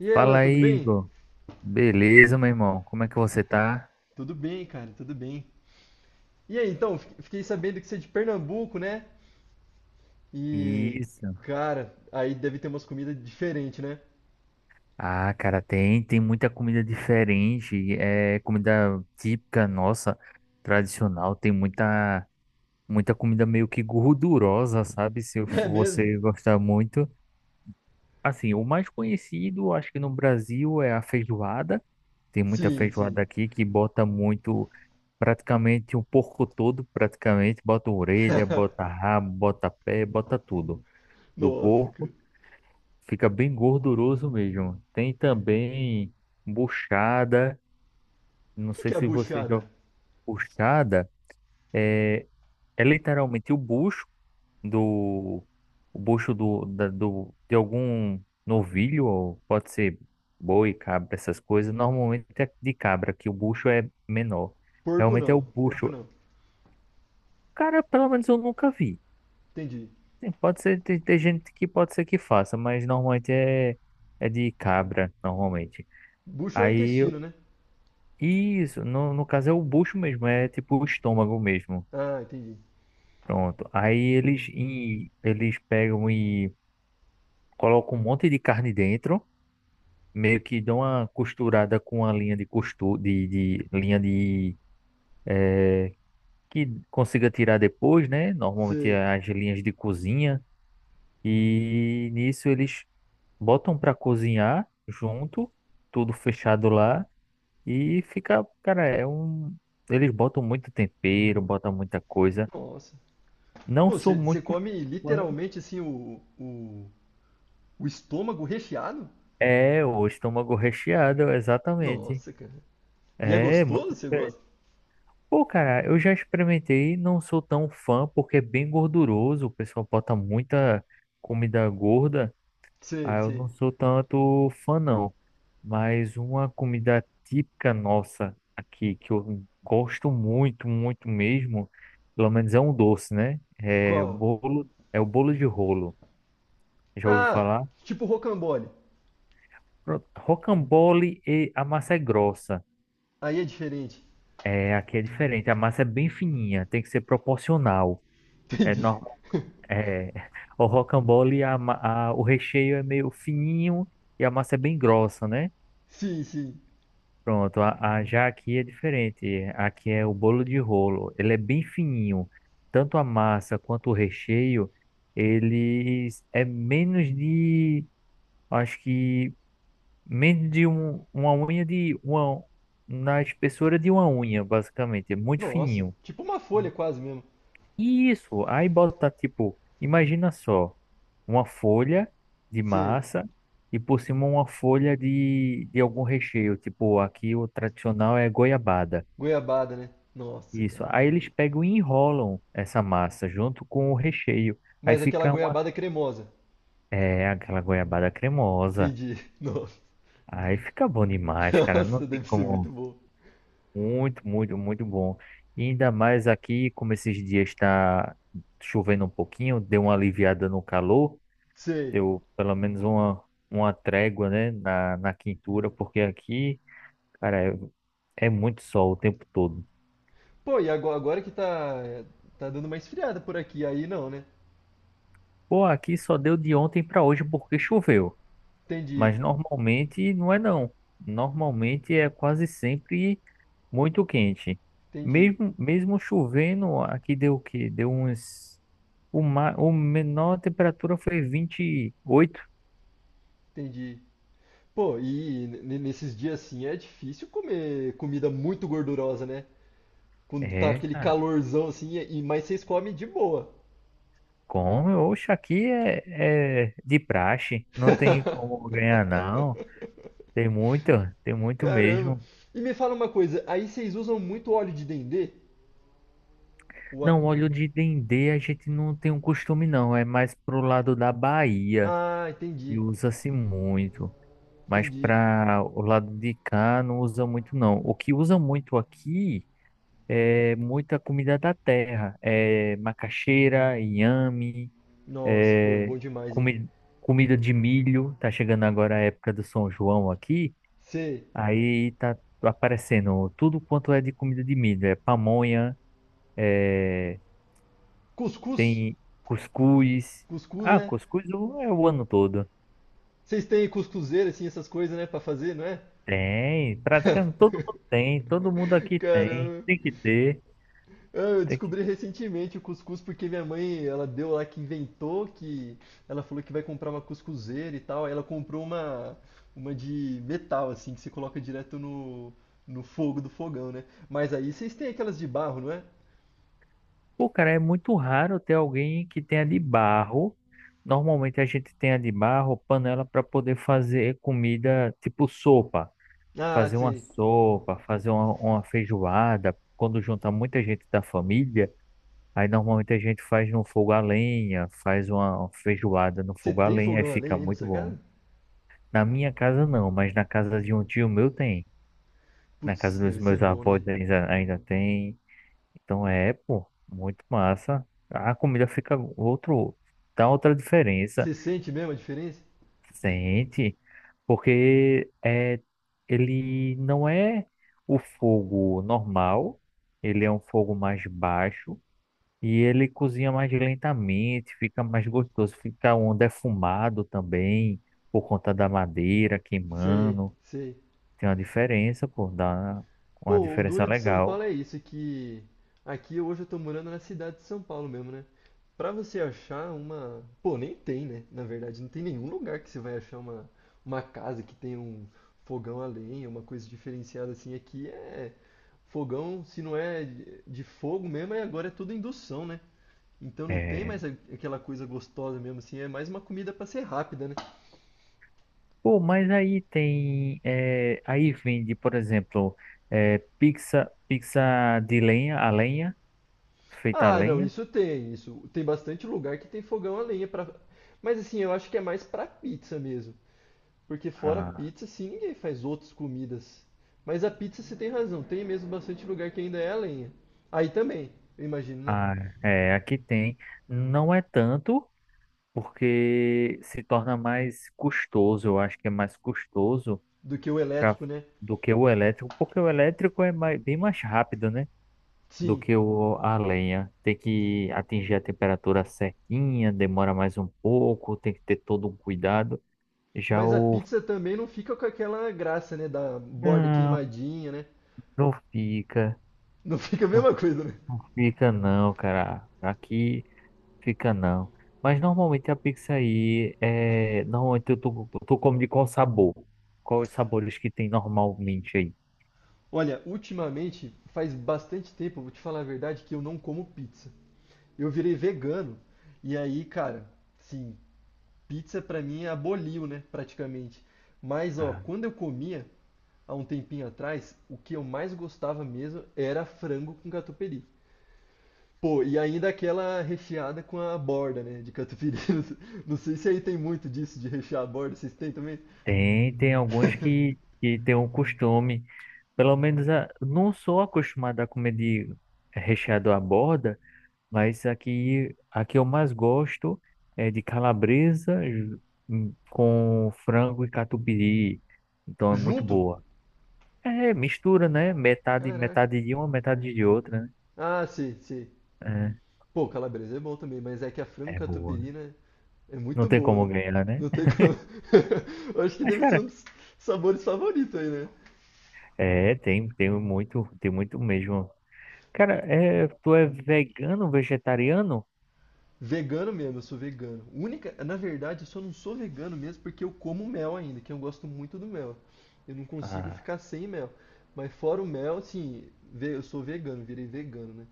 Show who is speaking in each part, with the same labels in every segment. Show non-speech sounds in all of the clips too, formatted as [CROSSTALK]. Speaker 1: E aí, Alan,
Speaker 2: Fala
Speaker 1: tudo
Speaker 2: aí,
Speaker 1: bem?
Speaker 2: Igor. Beleza, meu irmão? Como é que você tá?
Speaker 1: Tudo bem, cara, tudo bem. E aí, então, fiquei sabendo que você é de Pernambuco, né? E,
Speaker 2: Isso.
Speaker 1: cara, aí deve ter umas comidas diferentes, né?
Speaker 2: Ah, cara, tem muita comida diferente. É comida típica nossa, tradicional. Muita comida meio que gordurosa, sabe? Se eu-
Speaker 1: [LAUGHS] É mesmo?
Speaker 2: Você gostar muito. Assim, o mais conhecido, acho que no Brasil, é a feijoada. Tem muita
Speaker 1: Sim,
Speaker 2: feijoada
Speaker 1: sim.
Speaker 2: aqui que bota muito, praticamente um porco todo, praticamente. Bota orelha, bota
Speaker 1: [LAUGHS]
Speaker 2: rabo, bota pé, bota tudo. Do
Speaker 1: Nossa, cara. O
Speaker 2: porco, fica bem gorduroso mesmo. Tem também buchada, não
Speaker 1: que
Speaker 2: sei
Speaker 1: que é
Speaker 2: se você já
Speaker 1: buchada?
Speaker 2: Buchada, é, é literalmente o bucho do, o bucho do de algum novilho, ou pode ser boi, cabra, essas coisas. Normalmente é de cabra, que o bucho é menor.
Speaker 1: Porco
Speaker 2: Realmente é o
Speaker 1: não, porco
Speaker 2: bucho.
Speaker 1: não.
Speaker 2: Cara, pelo menos eu nunca vi.
Speaker 1: Entendi.
Speaker 2: Sim, pode ser, tem, tem gente que pode ser que faça, mas normalmente é, é de cabra, normalmente.
Speaker 1: Bucho é
Speaker 2: Aí, eu-
Speaker 1: intestino, né?
Speaker 2: isso, no caso é o bucho mesmo, é tipo o estômago mesmo.
Speaker 1: Ah, entendi.
Speaker 2: Pronto. Aí eles pegam e colocam um monte de carne dentro, meio que dão uma costurada com a linha de costura, de linha de eh, que consiga tirar depois, né? Normalmente
Speaker 1: Sei.
Speaker 2: é as linhas de cozinha. E nisso eles botam para cozinhar junto, tudo fechado lá. E fica, cara, é um. Eles botam muito tempero, botam muita coisa.
Speaker 1: Nossa.
Speaker 2: Não
Speaker 1: Pô,
Speaker 2: sou
Speaker 1: você
Speaker 2: muito
Speaker 1: come
Speaker 2: fã.
Speaker 1: literalmente assim o estômago recheado?
Speaker 2: É, o estômago recheado, exatamente.
Speaker 1: Nossa, cara. E é
Speaker 2: É, muito
Speaker 1: gostoso? Você
Speaker 2: diferente.
Speaker 1: gosta?
Speaker 2: Pô, cara, eu já experimentei, não sou tão fã, porque é bem gorduroso. O pessoal bota muita comida gorda.
Speaker 1: Sei,
Speaker 2: Aí eu
Speaker 1: sei.
Speaker 2: não sou tanto fã, não. Mas uma comida típica nossa aqui, que eu gosto muito, muito mesmo, pelo menos é um doce, né? É o
Speaker 1: Qual?
Speaker 2: bolo, é o bolo de rolo. Já ouviu
Speaker 1: Ah,
Speaker 2: falar?
Speaker 1: tipo rocambole.
Speaker 2: Pronto, rocambole e a massa é grossa.
Speaker 1: Aí é diferente.
Speaker 2: É, aqui é diferente, a massa é bem fininha, tem que ser proporcional. É,
Speaker 1: Entendi.
Speaker 2: normal,
Speaker 1: [LAUGHS]
Speaker 2: é, [LAUGHS] o rocambole, o recheio é meio fininho e a massa é bem grossa, né?
Speaker 1: Sim, sim.
Speaker 2: Pronto, já aqui é diferente. Aqui é o bolo de rolo. Ele é bem fininho. Tanto a massa quanto o recheio, eles é menos de, acho que uma unha de uma, na espessura de uma unha, basicamente. É muito
Speaker 1: Nossa,
Speaker 2: fininho.
Speaker 1: tipo uma folha quase mesmo.
Speaker 2: E isso, aí bota tipo, imagina só, uma folha de
Speaker 1: Sei.
Speaker 2: massa e por cima uma folha de algum recheio. Tipo, aqui o tradicional é goiabada.
Speaker 1: Goiabada, né? Nossa,
Speaker 2: Isso.
Speaker 1: cara.
Speaker 2: Aí eles pegam e enrolam essa massa junto com o recheio. Aí
Speaker 1: Mas aquela
Speaker 2: fica uma,
Speaker 1: goiabada cremosa.
Speaker 2: é, aquela goiabada cremosa.
Speaker 1: Entendi. [LAUGHS] Nossa.
Speaker 2: Aí fica bom demais, cara. Não
Speaker 1: Nossa,
Speaker 2: tem
Speaker 1: deve ser muito
Speaker 2: como.
Speaker 1: bom.
Speaker 2: Muito, muito, muito bom. E ainda mais aqui, como esses dias está chovendo um pouquinho, deu uma aliviada no calor,
Speaker 1: Sei.
Speaker 2: deu pelo menos uma trégua, né, na quintura, porque aqui, cara, é, é muito sol o tempo todo.
Speaker 1: Pô, e agora que tá, tá dando uma esfriada por aqui, aí não, né?
Speaker 2: Pô, aqui só deu de ontem para hoje porque choveu.
Speaker 1: Entendi,
Speaker 2: Mas normalmente não é não. Normalmente é quase sempre muito quente.
Speaker 1: entendi,
Speaker 2: Mesmo, mesmo chovendo, aqui deu o quê? Deu uns. O menor temperatura foi 28.
Speaker 1: entendi. Pô, e nesses dias assim é difícil comer comida muito gordurosa, né? Quando tá
Speaker 2: É,
Speaker 1: aquele
Speaker 2: cara.
Speaker 1: calorzão assim, e, mas vocês comem de boa.
Speaker 2: Como? Oxe, aqui é, é de praxe. Não tem como ganhar, não.
Speaker 1: [LAUGHS]
Speaker 2: Tem muito, tem muito
Speaker 1: Caramba.
Speaker 2: mesmo.
Speaker 1: E me fala uma coisa, aí vocês usam muito óleo de dendê? O a-
Speaker 2: Não, óleo de dendê a gente não tem um costume, não. É mais pro lado da Bahia
Speaker 1: Ah,
Speaker 2: e
Speaker 1: entendi,
Speaker 2: usa-se muito. Mas
Speaker 1: entendi.
Speaker 2: para o lado de cá não usa muito não. O que usa muito aqui é muita comida da terra, é macaxeira, inhame,
Speaker 1: Nossa, pô, é
Speaker 2: é
Speaker 1: bom demais, hein?
Speaker 2: comi comida de milho. Tá chegando agora a época do São João aqui,
Speaker 1: Cê...
Speaker 2: aí tá aparecendo tudo quanto é de comida de milho, é pamonha, é,
Speaker 1: Cuscuz?
Speaker 2: tem cuscuz.
Speaker 1: Cuscuz,
Speaker 2: Ah,
Speaker 1: né?
Speaker 2: cuscuz é o ano todo.
Speaker 1: Vocês têm cuscuzeira, assim, essas coisas, né, pra fazer, não é?
Speaker 2: Tem, praticamente todo mundo tem, todo mundo aqui tem,
Speaker 1: Caramba.
Speaker 2: tem que ter.
Speaker 1: Ah, eu
Speaker 2: Tem que...
Speaker 1: descobri recentemente o cuscuz porque minha mãe, ela deu lá que inventou que ela falou que vai comprar uma cuscuzeira e tal, aí ela comprou uma de metal assim que você coloca direto no no fogo do fogão, né? Mas aí vocês têm aquelas de barro, não é?
Speaker 2: Pô, cara, é muito raro ter alguém que tenha de barro. Normalmente a gente tem a de barro, panela para poder fazer comida tipo sopa.
Speaker 1: Ah,
Speaker 2: Fazer uma
Speaker 1: sim.
Speaker 2: sopa, fazer uma feijoada. Quando junta muita gente da família, aí normalmente a gente faz no fogo a lenha, faz uma feijoada no
Speaker 1: Você
Speaker 2: fogo a
Speaker 1: tem
Speaker 2: lenha, aí
Speaker 1: fogão a lenha
Speaker 2: fica
Speaker 1: aí na
Speaker 2: muito
Speaker 1: sua
Speaker 2: bom.
Speaker 1: casa?
Speaker 2: Na minha casa não, mas na casa de um tio meu tem. Na casa
Speaker 1: Putz,
Speaker 2: dos
Speaker 1: deve ser
Speaker 2: meus
Speaker 1: bom, né?
Speaker 2: avós ainda, ainda tem. Então é, pô, muito massa. A comida fica outro, dá outra diferença.
Speaker 1: Você sente mesmo a diferença?
Speaker 2: Sente, porque é, ele não é o fogo normal, ele é um fogo mais baixo e ele cozinha mais lentamente, fica mais gostoso, fica um defumado também, por conta da madeira
Speaker 1: Sei,
Speaker 2: queimando.
Speaker 1: sei.
Speaker 2: Tem uma diferença, pô, dá uma
Speaker 1: Pô, o
Speaker 2: diferença
Speaker 1: duro de São Paulo
Speaker 2: legal.
Speaker 1: é isso, que aqui hoje eu tô morando na cidade de São Paulo mesmo, né? Pra você achar uma. Pô, nem tem, né? Na verdade, não tem nenhum lugar que você vai achar uma casa que tenha um fogão a lenha, uma coisa diferenciada assim. Aqui é fogão, se não é de fogo mesmo, aí agora é tudo indução, né? Então não tem
Speaker 2: É.
Speaker 1: mais aquela coisa gostosa mesmo assim, é mais uma comida pra ser rápida, né?
Speaker 2: Pô, mas aí tem. É aí vende, por exemplo, é pizza, pizza de lenha, a lenha, feita a
Speaker 1: Ah, não,
Speaker 2: lenha.
Speaker 1: isso. Tem bastante lugar que tem fogão a lenha para, mas assim, eu acho que é mais para pizza mesmo. Porque fora
Speaker 2: Ah,
Speaker 1: pizza, sim, ninguém faz outras comidas. Mas a pizza você tem razão, tem mesmo bastante lugar que ainda é a lenha. Aí também, eu imagino, né?
Speaker 2: ah, É, aqui tem. Não é tanto, porque se torna mais custoso, eu acho que é mais custoso
Speaker 1: Do que o
Speaker 2: pra,
Speaker 1: elétrico, né?
Speaker 2: do que o elétrico, porque o elétrico bem mais rápido, né? Do
Speaker 1: Sim.
Speaker 2: que o, a lenha. Tem que atingir a temperatura certinha, demora mais um pouco, tem que ter todo um cuidado. Já
Speaker 1: Mas a
Speaker 2: o
Speaker 1: pizza também não fica com aquela graça, né? Da borda
Speaker 2: Não,
Speaker 1: queimadinha, né?
Speaker 2: não fica.
Speaker 1: Não [LAUGHS] fica a
Speaker 2: Não,
Speaker 1: mesma coisa, né?
Speaker 2: não fica não, cara. Aqui fica não. Mas normalmente a pizza aí é. Normalmente eu tô comendo de qual sabor? Quais os sabores que tem normalmente aí?
Speaker 1: Olha, ultimamente faz bastante tempo, vou te falar a verdade, que eu não como pizza. Eu virei vegano. E aí, cara, sim, pizza pra mim aboliu, né, praticamente. Mas, ó,
Speaker 2: Ah,
Speaker 1: quando eu comia, há um tempinho atrás, o que eu mais gostava mesmo era frango com catupiry. Pô, e ainda aquela recheada com a borda, né, de catupiry. [LAUGHS] Não sei se aí tem muito disso de rechear a borda, vocês têm também?
Speaker 2: tem, que tem um costume. Pelo menos a, não sou acostumado a comer de recheado à borda. Mas aqui eu mais gosto é de calabresa com frango e catupiry. Então é muito
Speaker 1: Junto?
Speaker 2: boa. É, mistura, né? Metade,
Speaker 1: Caraca.
Speaker 2: metade de uma, metade de outra,
Speaker 1: Ah, sei, sei.
Speaker 2: né?
Speaker 1: Pô, calabresa é bom também, mas é que a frango
Speaker 2: É, é boa.
Speaker 1: catupiry, né, é
Speaker 2: Não
Speaker 1: muito
Speaker 2: tem
Speaker 1: boa,
Speaker 2: como
Speaker 1: né?
Speaker 2: ganhar, né?
Speaker 1: Não tem como. [LAUGHS] Eu acho que
Speaker 2: Mas,
Speaker 1: deve ser
Speaker 2: cara,
Speaker 1: um dos sabores favoritos aí, né?
Speaker 2: é, tem, tem muito mesmo. Cara, é, tu é vegano, vegetariano?
Speaker 1: Vegano mesmo, eu sou vegano. Única, na verdade, eu só não sou vegano mesmo porque eu como mel ainda, que eu gosto muito do mel. Eu não consigo
Speaker 2: Ah,
Speaker 1: ficar sem mel. Mas fora o mel, sim. Eu sou vegano, virei vegano, né?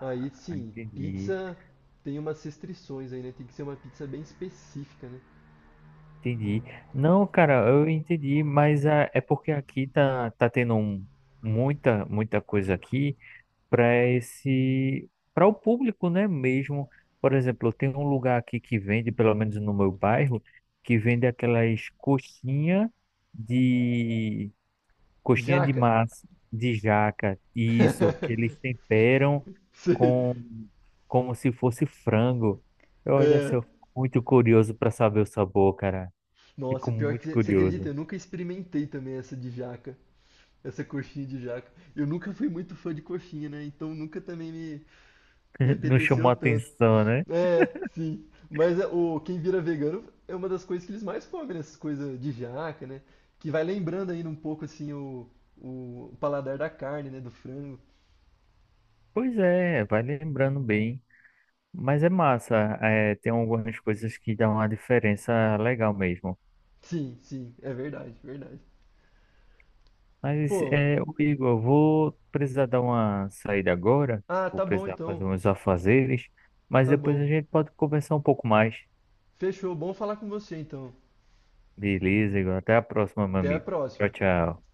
Speaker 1: Aí, sim,
Speaker 2: entendi.
Speaker 1: pizza tem umas restrições aí, né? Tem que ser uma pizza bem específica, né?
Speaker 2: Entendi. Não, cara, eu entendi, mas é porque aqui tá, muita, muita coisa aqui para o público, né, mesmo. Por exemplo, tem um lugar aqui que vende, pelo menos no meu bairro, que vende aquelas de, coxinha de
Speaker 1: Jaca.
Speaker 2: massa, de jaca, isso, que eles
Speaker 1: [LAUGHS]
Speaker 2: temperam
Speaker 1: Sei.
Speaker 2: com, como se fosse frango. Olha, assim,
Speaker 1: É,
Speaker 2: eu fico muito curioso para saber o sabor, cara.
Speaker 1: nossa,
Speaker 2: Fico
Speaker 1: pior
Speaker 2: muito
Speaker 1: que você acredita,
Speaker 2: curioso.
Speaker 1: eu nunca experimentei também essa de jaca, essa coxinha de jaca. Eu nunca fui muito fã de coxinha, né? Então nunca também me
Speaker 2: [LAUGHS] Não
Speaker 1: apeteceu
Speaker 2: chamou
Speaker 1: tanto.
Speaker 2: atenção, né?
Speaker 1: É, sim. Mas é, o quem vira vegano é uma das coisas que eles mais comem, né? Essas coisas de jaca, né? Que vai lembrando ainda um pouco assim o paladar da carne, né? Do frango.
Speaker 2: Pois é, vai lembrando bem. Mas é massa, é, tem algumas coisas que dão uma diferença legal mesmo.
Speaker 1: Sim, sim, é verdade, verdade.
Speaker 2: Mas,
Speaker 1: Pô,
Speaker 2: é, ô Igor, eu vou precisar dar uma saída agora,
Speaker 1: ah,
Speaker 2: vou
Speaker 1: tá bom
Speaker 2: precisar fazer
Speaker 1: então,
Speaker 2: uns afazeres, mas
Speaker 1: tá
Speaker 2: depois
Speaker 1: bom.
Speaker 2: a gente pode conversar um pouco mais.
Speaker 1: Fechou, bom falar com você então.
Speaker 2: Beleza, Igor, até a próxima, meu
Speaker 1: Até a
Speaker 2: amigo. Tchau,
Speaker 1: próxima.
Speaker 2: tchau.